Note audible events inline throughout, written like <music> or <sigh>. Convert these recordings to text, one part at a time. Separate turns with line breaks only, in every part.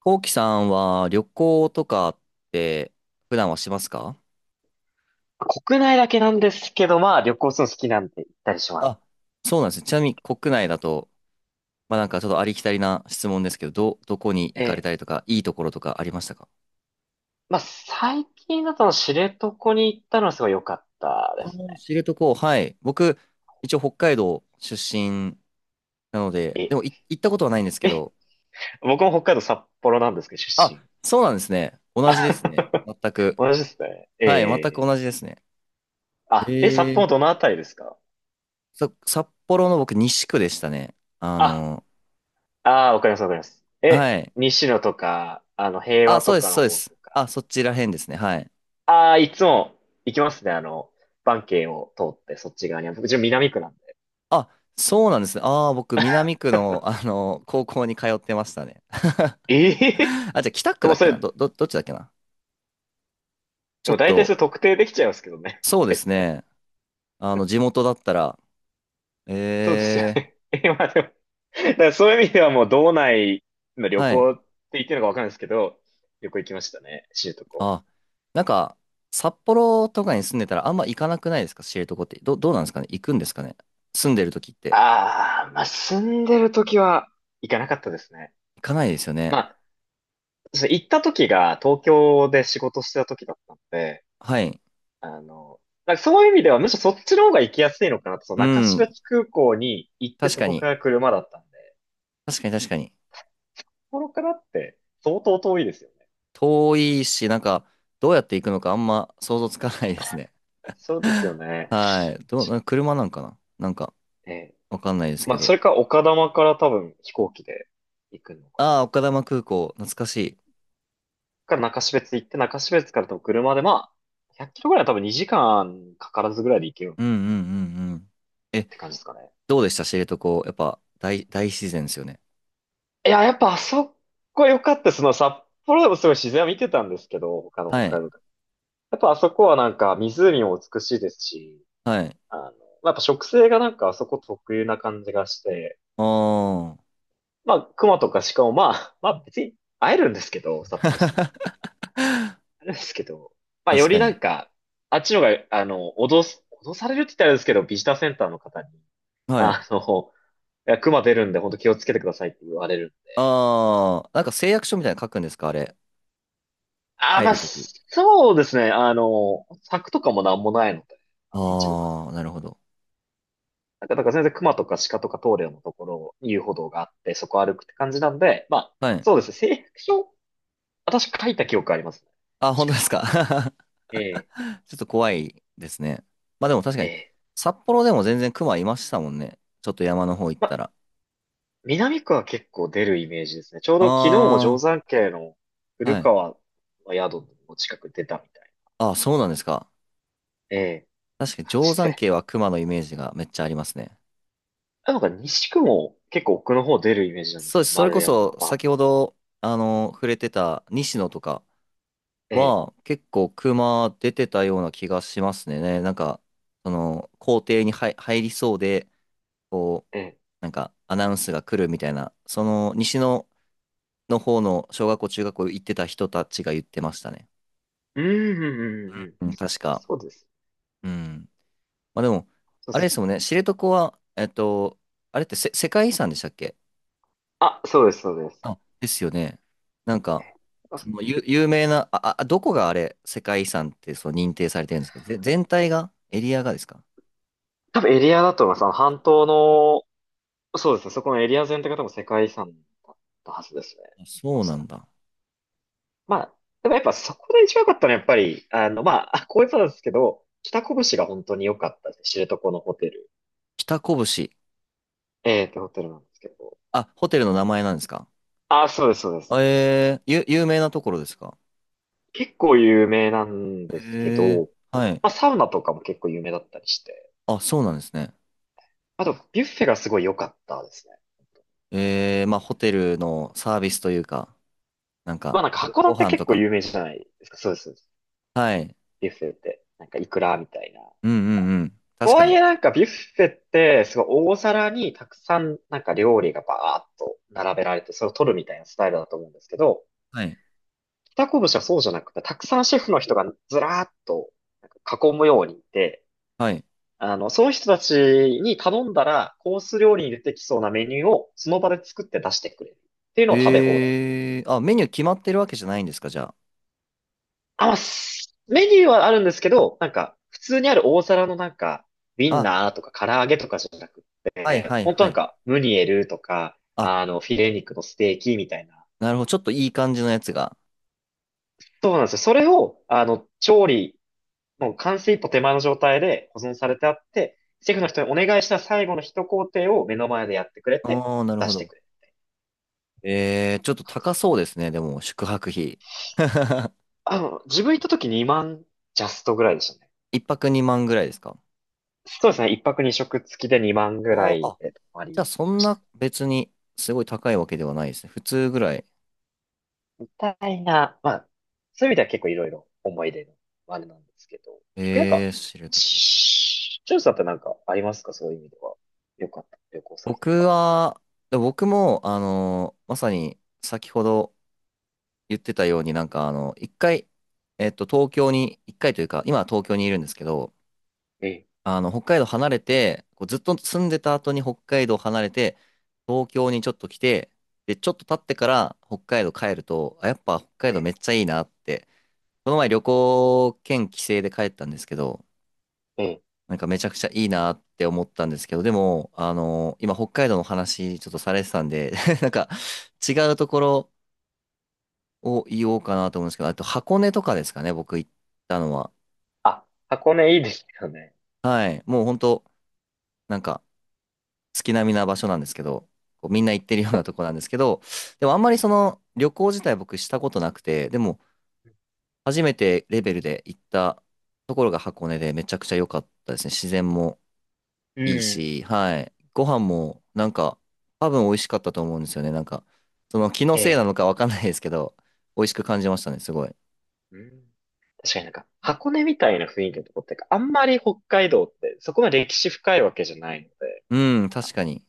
こうきさんは旅行とかって普段はしますか？
国内だけなんですけど、まあ旅行するの好きなんで行ったりします。
あ、そうなんですね。ちなみに国内だと、ちょっとありきたりな質問ですけど、どこに行
え
かれ
え。
たりとか、いいところとかありましたか？
まあ最近だと知床に行ったのはすごい良かったで
ああ
す
ー、
ね。
知床、はい。僕、一応北海道出身なので、でも行ったことはないんですけ
え、え、
ど、
僕も北海道札幌なんですけど、出
あ、
身。
そうなんですね。
あ
同じですね、
<laughs>
全く。
同じですね。え
はい、全く
え。
同じですね。
あ、札
え
幌
ー。
どのあたりですか？
札幌の僕西区でしたね。
あ、ああ、わかります、わかります。
はい。
西野とか、平
あ、
和
そ
と
うで
か
す、
の
そうで
方
す。
と
あ、
か。
そちら辺ですね。はい。
ああ、いつも行きますね、バンを通ってそっち側には。僕、自分南区なんで。
あ、そうなんですね。ああ、僕、南区の、
<laughs>
高校に通ってましたね。<laughs>
ええで
あ、じゃあ、北区
も
だ
う
っ
そ
けな、
れ、
どっちだっけな。ちょ
も
っ
う大体それ
と、
特定できちゃいますけどね。
そう
<laughs>
で
大
す
体。
ね。あの、地元だったら、
そうですよ
え
ね。<laughs> 今でもだからそういう意味ではもう道内の
ー、
旅
はい。
行って言ってるのかわかんないですけど、旅行行きましたね。知床。
あ、なんか、札幌とかに住んでたらあんま行かなくないですか、知床って。どうなんですかね、行くんですかね、住んでる時って。
ああ、まあ、住んでる時は行かなかったですね。
行かないですよ
ま
ね。
あ、そう行った時が東京で仕事してた時だったので、
はい。
あの、だからそういう意味ではむしろそっちの方が行きやすいのかなと、その
う
中標
ん、
津空港に行って
確
そ
か
こか
に。
ら車だったんで、
確かに、確かに。
そこからって相当遠いですよね。
遠いし、なんか、どうやって行くのかあんま想像つかないですね。
そうですよ
<laughs>
ね。
はい。な、車なんかな、なんか、
えー
わかんないです
ま
け
あ、そ
ど。
れか丘珠から多分飛行機で行くのかな。
ああ、丘珠空港、懐かしい。
中標津行って、中標津から多分車で、まあ、100キロぐらいは多分2時間かからずぐらいで行ける
うんう
っ
んうんうん。え、
て感じですかね。
どうでした、知床。やっぱ、大自然ですよね。
いや、やっぱあそこ良かったです。その札幌でもすごい自然は見てたんですけど、他の
は
北海
い。
道で。やっぱあそこはなんか湖も美しいですし、
はい。
まあやっぱ植生がなんかあそこ特有な感じがして、
ああ。
まあ熊とか鹿もまあ別に会えるんですけど、札幌住んであれですけど、
<laughs>
まあ、よ
確
り
か
な
に。
んか、あっちのが、脅されるって言ったらあれですけど、ビジターセンターの方に、
はい。
あの、いや、熊出るんで、本当気をつけてくださいって言われるんで。
ああ、なんか誓約書みたいなの書くんですか、あれ。
ああ、
入
まあ、
るとき。
そうですね。柵とかもなんもないので、あの一部区。
ああ、なるほど。
だから全然熊とか鹿とか通るようなところ、遊歩道があって、そこ歩くって感じなんで、まあ、
はい。
そうですね。誓約書、私書いた記憶ありますね。
あ、本当
確
で
か
すか。<laughs>
に。ええ、
ちょっと怖いですね。まあでも確か
え
に、
え。
札幌でも全然熊いましたもんね。ちょっと山の方行っ
ま
た
あ
ら。
南区は結構出るイメージですね。ちょうど昨日も定
あ
山渓の
あ、
古
はい。
川の宿の近く出たみたい
ああ、そうなんですか。
な、ええ、
確かに
感
定
じ
山
で。
渓は熊のイメージがめっちゃありますね。
なんか西区も結構奥の方出るイメージなんです
そうで
けど、
す。それ
丸
こ
山、
そ
は
先ほど、触れてた西野とか
ええ、
は結構熊出てたような気がしますね。ね、なんか、その、校庭に入りそうで、こう、
ええ。
なんかアナウンスが来るみたいな、その西野の方の小学校、中学校行ってた人たちが言ってましたね。
うん、うん、うん、うん。
うん、確か。
そうです。
うん。まあでも、
そう
あれ
で
です
す。
もんね、知床は、あれってせ世界遺産でしたっけ？
あ、そうです、そうです。
あ、ですよね。なん
え
か、
え、あ、
その有名な、どこがあれ、世界遺産ってそう認定されてるんですか、全体がエリアがですか？
多分エリアだと思います。あの半島の、そうですね、そこのエリア全体が多分世界遺産だったはずですね。
あ、そ
お
うな
そら
ん
く。
だ。
まあ、でもやっぱそこで一番良かったのはやっぱり、まあ、あ、こういうことなんですけど、北拳が本当に良かったですね。知床のホテル。
北拳。
ホテルなんですけど。
あ、ホテルの名前なんですか？
あ、そうです、そうです。
えー、有名なところですか？
結構有名なんですけ
えー、
ど、
はい。
まあ、サウナとかも結構有名だったりして。
あ、そうなんですね。
あと、ビュッフェがすごい良かったですね。
えー、まあ、ホテルのサービスというか、なん
ま
か、
あなんか函
ご
館
飯
結
と
構
か。
有名じゃないですか。そうです、そうです。
はい。
ビュッフェって。なんかイクラみたいな。
うんうんうん、
と
確か
はいえ
に。
なんかビュッフェってすごい大皿にたくさんなんか料理がバーッと並べられてそれを取るみたいなスタイルだと思うんですけど、
はい。
北こぶしはそうじゃなくてたくさんシェフの人がずらーっとなんか囲むようにいて、
はい。
その人たちに頼んだらコース料理に出てきそうなメニューをその場で作って出してくれるっていうのを食べ放題。
えー、あ、メニュー決まってるわけじゃないんですか、じゃ
あ、メニューはあるんですけど、なんか、普通にある大皿のなんか、ウィ
あ。
ン
あ、
ナーとか唐揚げとかじゃなく
はい
て、
はい
本当
は
なん
い。
か、ムニエルとか、
あ、
フィレ肉のステーキみたいな。
なるほど。ちょっといい感じのやつが。
そうなんですよ。それを、もう完成一歩手前の状態で保存されてあって、シェフの人にお願いした最後の一工程を目の前でやってくれて、
あー、なる
出
ほ
して
ど。
くれる
えー、ちょっと
感
高
じ。
そうですね、でも、宿泊費。<laughs>
自分行った時2万ジャストぐらいでしたね。
一泊2万ぐらいですか？
そうですね。一泊二食付きで2万ぐら
あ
い
あ、
で泊ま
じゃあ
り。
そんな別にすごい高いわけではないですね。普通ぐらい。
たいな、まあ、そういう意味では結構いろいろ思い出のあれなんですけど、結構なんか、
えー、知床。
しジュンさってなんかありますか？そういう意味では。よかった。旅行先と
僕
か。
は、で僕も、まさに先ほど言ってたように、なんか、あの、一回、東京に、一回というか、今は東京にいるんですけど、
ええ、
あの、北海道離れて、こうずっと住んでた後に北海道離れて、東京にちょっと来て、で、ちょっと経ってから北海道帰ると、あ、やっぱ北海
え
道め
え、
っちゃいいなって、この前旅行兼帰省で帰ったんですけど、
ええ。
なんかめちゃくちゃいいなって思ったんですけど、でも、あの、今北海道の話ちょっとされてたんで、<laughs> なんか違うところを言おうか
うん、
なと思うんですけど、あと箱根とかですかね、僕行ったのは。
あ、箱根いいですよね。
はい。もう本当なんか月並みな場所なんですけど、こうみんな行ってるようなとこなんですけど、でもあんま
う
り
ん。
その旅行自体僕したことなくて、でも初めてレベルで行ったところが箱根でめちゃくちゃ良かったですね。自然も
う
いい
ん、
し、はい。ご飯も、なんか、多分美味しかったと思うんですよね。なんか、その気の
え
せいな
え。
のかわかんないですけど、美味しく感じましたね、すごい。
うん。確かになんか、箱根みたいな雰囲気のとこってか、あんまり北海道ってそこまで歴史深いわけじゃないので、
うん、確かに。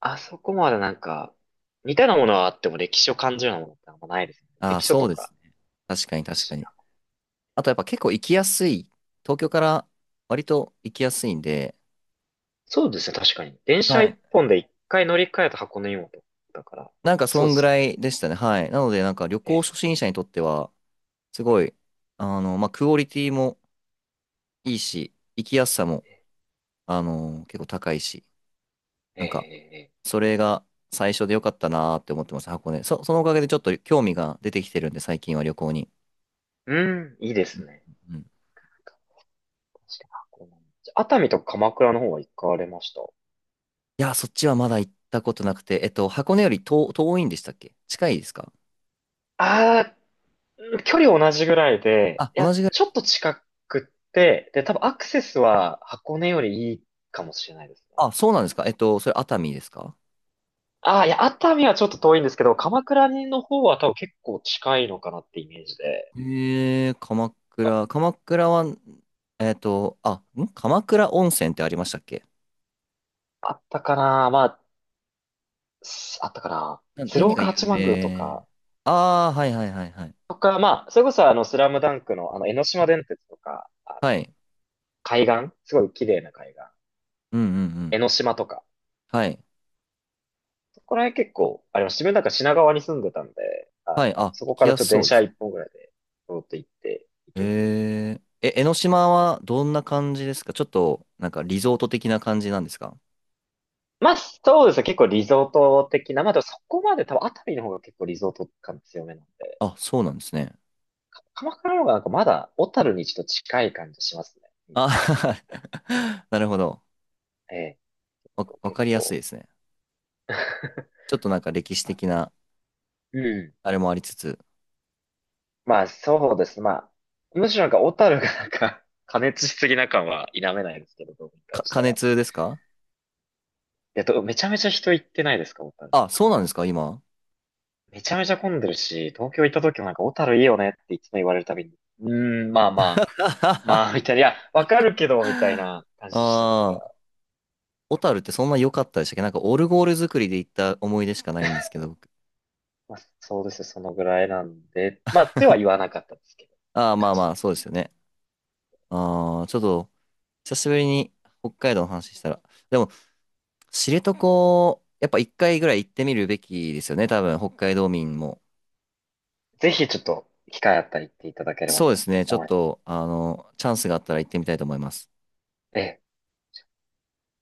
ああそこまでなんか、似たようなものはあっても歴史を感じるようなものってあんまないですね。
ああ、
関所
そ
と
うで
か
すね。確か
あ
に、
る
確か
し。
に。あと、やっぱ結構行きやすい。東京から割と行きやすいんで、
そうですね、確かに。電
は
車一
い。
本で一回乗り換えた箱根湯本だから、
なんか、そ
そうで
んぐ
すよ
ら
ね。
いでしたね。はい。なので、なんか、旅行
え
初心者にとっては、すごい、クオリティもいいし、行きやすさも、あの、結構高いし。
え、え
なんか、
え、ええ、
それが最初でよかったなーって思ってます、箱根。そのおかげでちょっと興味が出てきてるんで、最近は旅行に。
うん、いいで
う
す
ん
ね。
うん。
なんか確かに箱根、熱海とか鎌倉の方は行かれました？
いや、そっちはまだ行ったことなくて、えっと、箱根より遠いんでしたっけ、近いですか？
ああ、距離同じぐらいで、
あ、
いや、
同じぐらい。
ちょっと近くって、で、多分アクセスは箱根よりいいかもしれないですね。
あ、そうなんですか。えっと、それ熱海ですか？
ああ、いや、熱海はちょっと遠いんですけど、鎌倉の方は多分結構近いのかなってイメージで、
えー、鎌倉。鎌倉は、えっと、あ、ん鎌倉温泉ってありましたっけ？
あったかな。まあ、あったかな。鶴
何が
岡八
有
幡宮とか、
名。ああー、はいはいはいはい。
まあ、それこそスラムダンクの江ノ島電鉄とか、あの
はい。
海岸すごい綺麗な海岸。
うんうんう
江
ん。
ノ島とか。
はい。
そこら辺結構、あれ、自分なんか品川に住んでたんで、
はい。あ、
そ
行
こか
き
ら
や
ちょっ
す
と電
そうで
車
すね。
一本ぐらいで、通って行って行ける。
えー、え、江ノ島はどんな感じですか、ちょっと、なんかリゾート的な感じなんですか？
まあ、そうですね。結構リゾート的な。まあ、でもそこまで多分熱海の方が結構リゾート感強めなんで、
あ、そうなんですね。
鎌倉の方がなんかまだ小樽にちょっと近い感じしますね。うん、
あ、<laughs> なるほど。
ええ、
わ
結
かりやすい
構。
ですね。
結構
ちょっとなんか歴史的
<laughs>
な
うん、
あれもありつつ、
まあ、そうです。まあ、むしろなんか、小樽がなんか <laughs> 加熱しすぎな感は否めないですけど、どうにかした
加
ら。
熱ですか？
めちゃめちゃ人行ってないですか？小樽なん
あ、そう
か。
なんですか、今。
めちゃめちゃ混んでるし、東京行った時もなんか、小樽いいよねっていつも言われるたびに、うーん、まあまあ、
<laughs> あ
まあ、みたいな、いや、わかるけど、みたいな感じでしたか
あ、
ら。
小樽ってそんな良かったでしたっけ、なんかオルゴール作りで行った思い出しかないんですけど、僕。
まあ、そうですよそのぐらいなんで、まあ、では言わなかったですけど、
ああ、ま
感
あ
じで
ま
す。
あ、そうですよね。ああ、ちょっと、久しぶりに北海道の話したら、でも、知床、やっぱ一回ぐらい行ってみるべきですよね、多分、北海道民も。
ぜひちょっと、機会あったり行っていただければ
そうで
と
すね。ちょ
思
っ
います。
と、あの、チャンスがあったら行ってみたいと思います。
ええ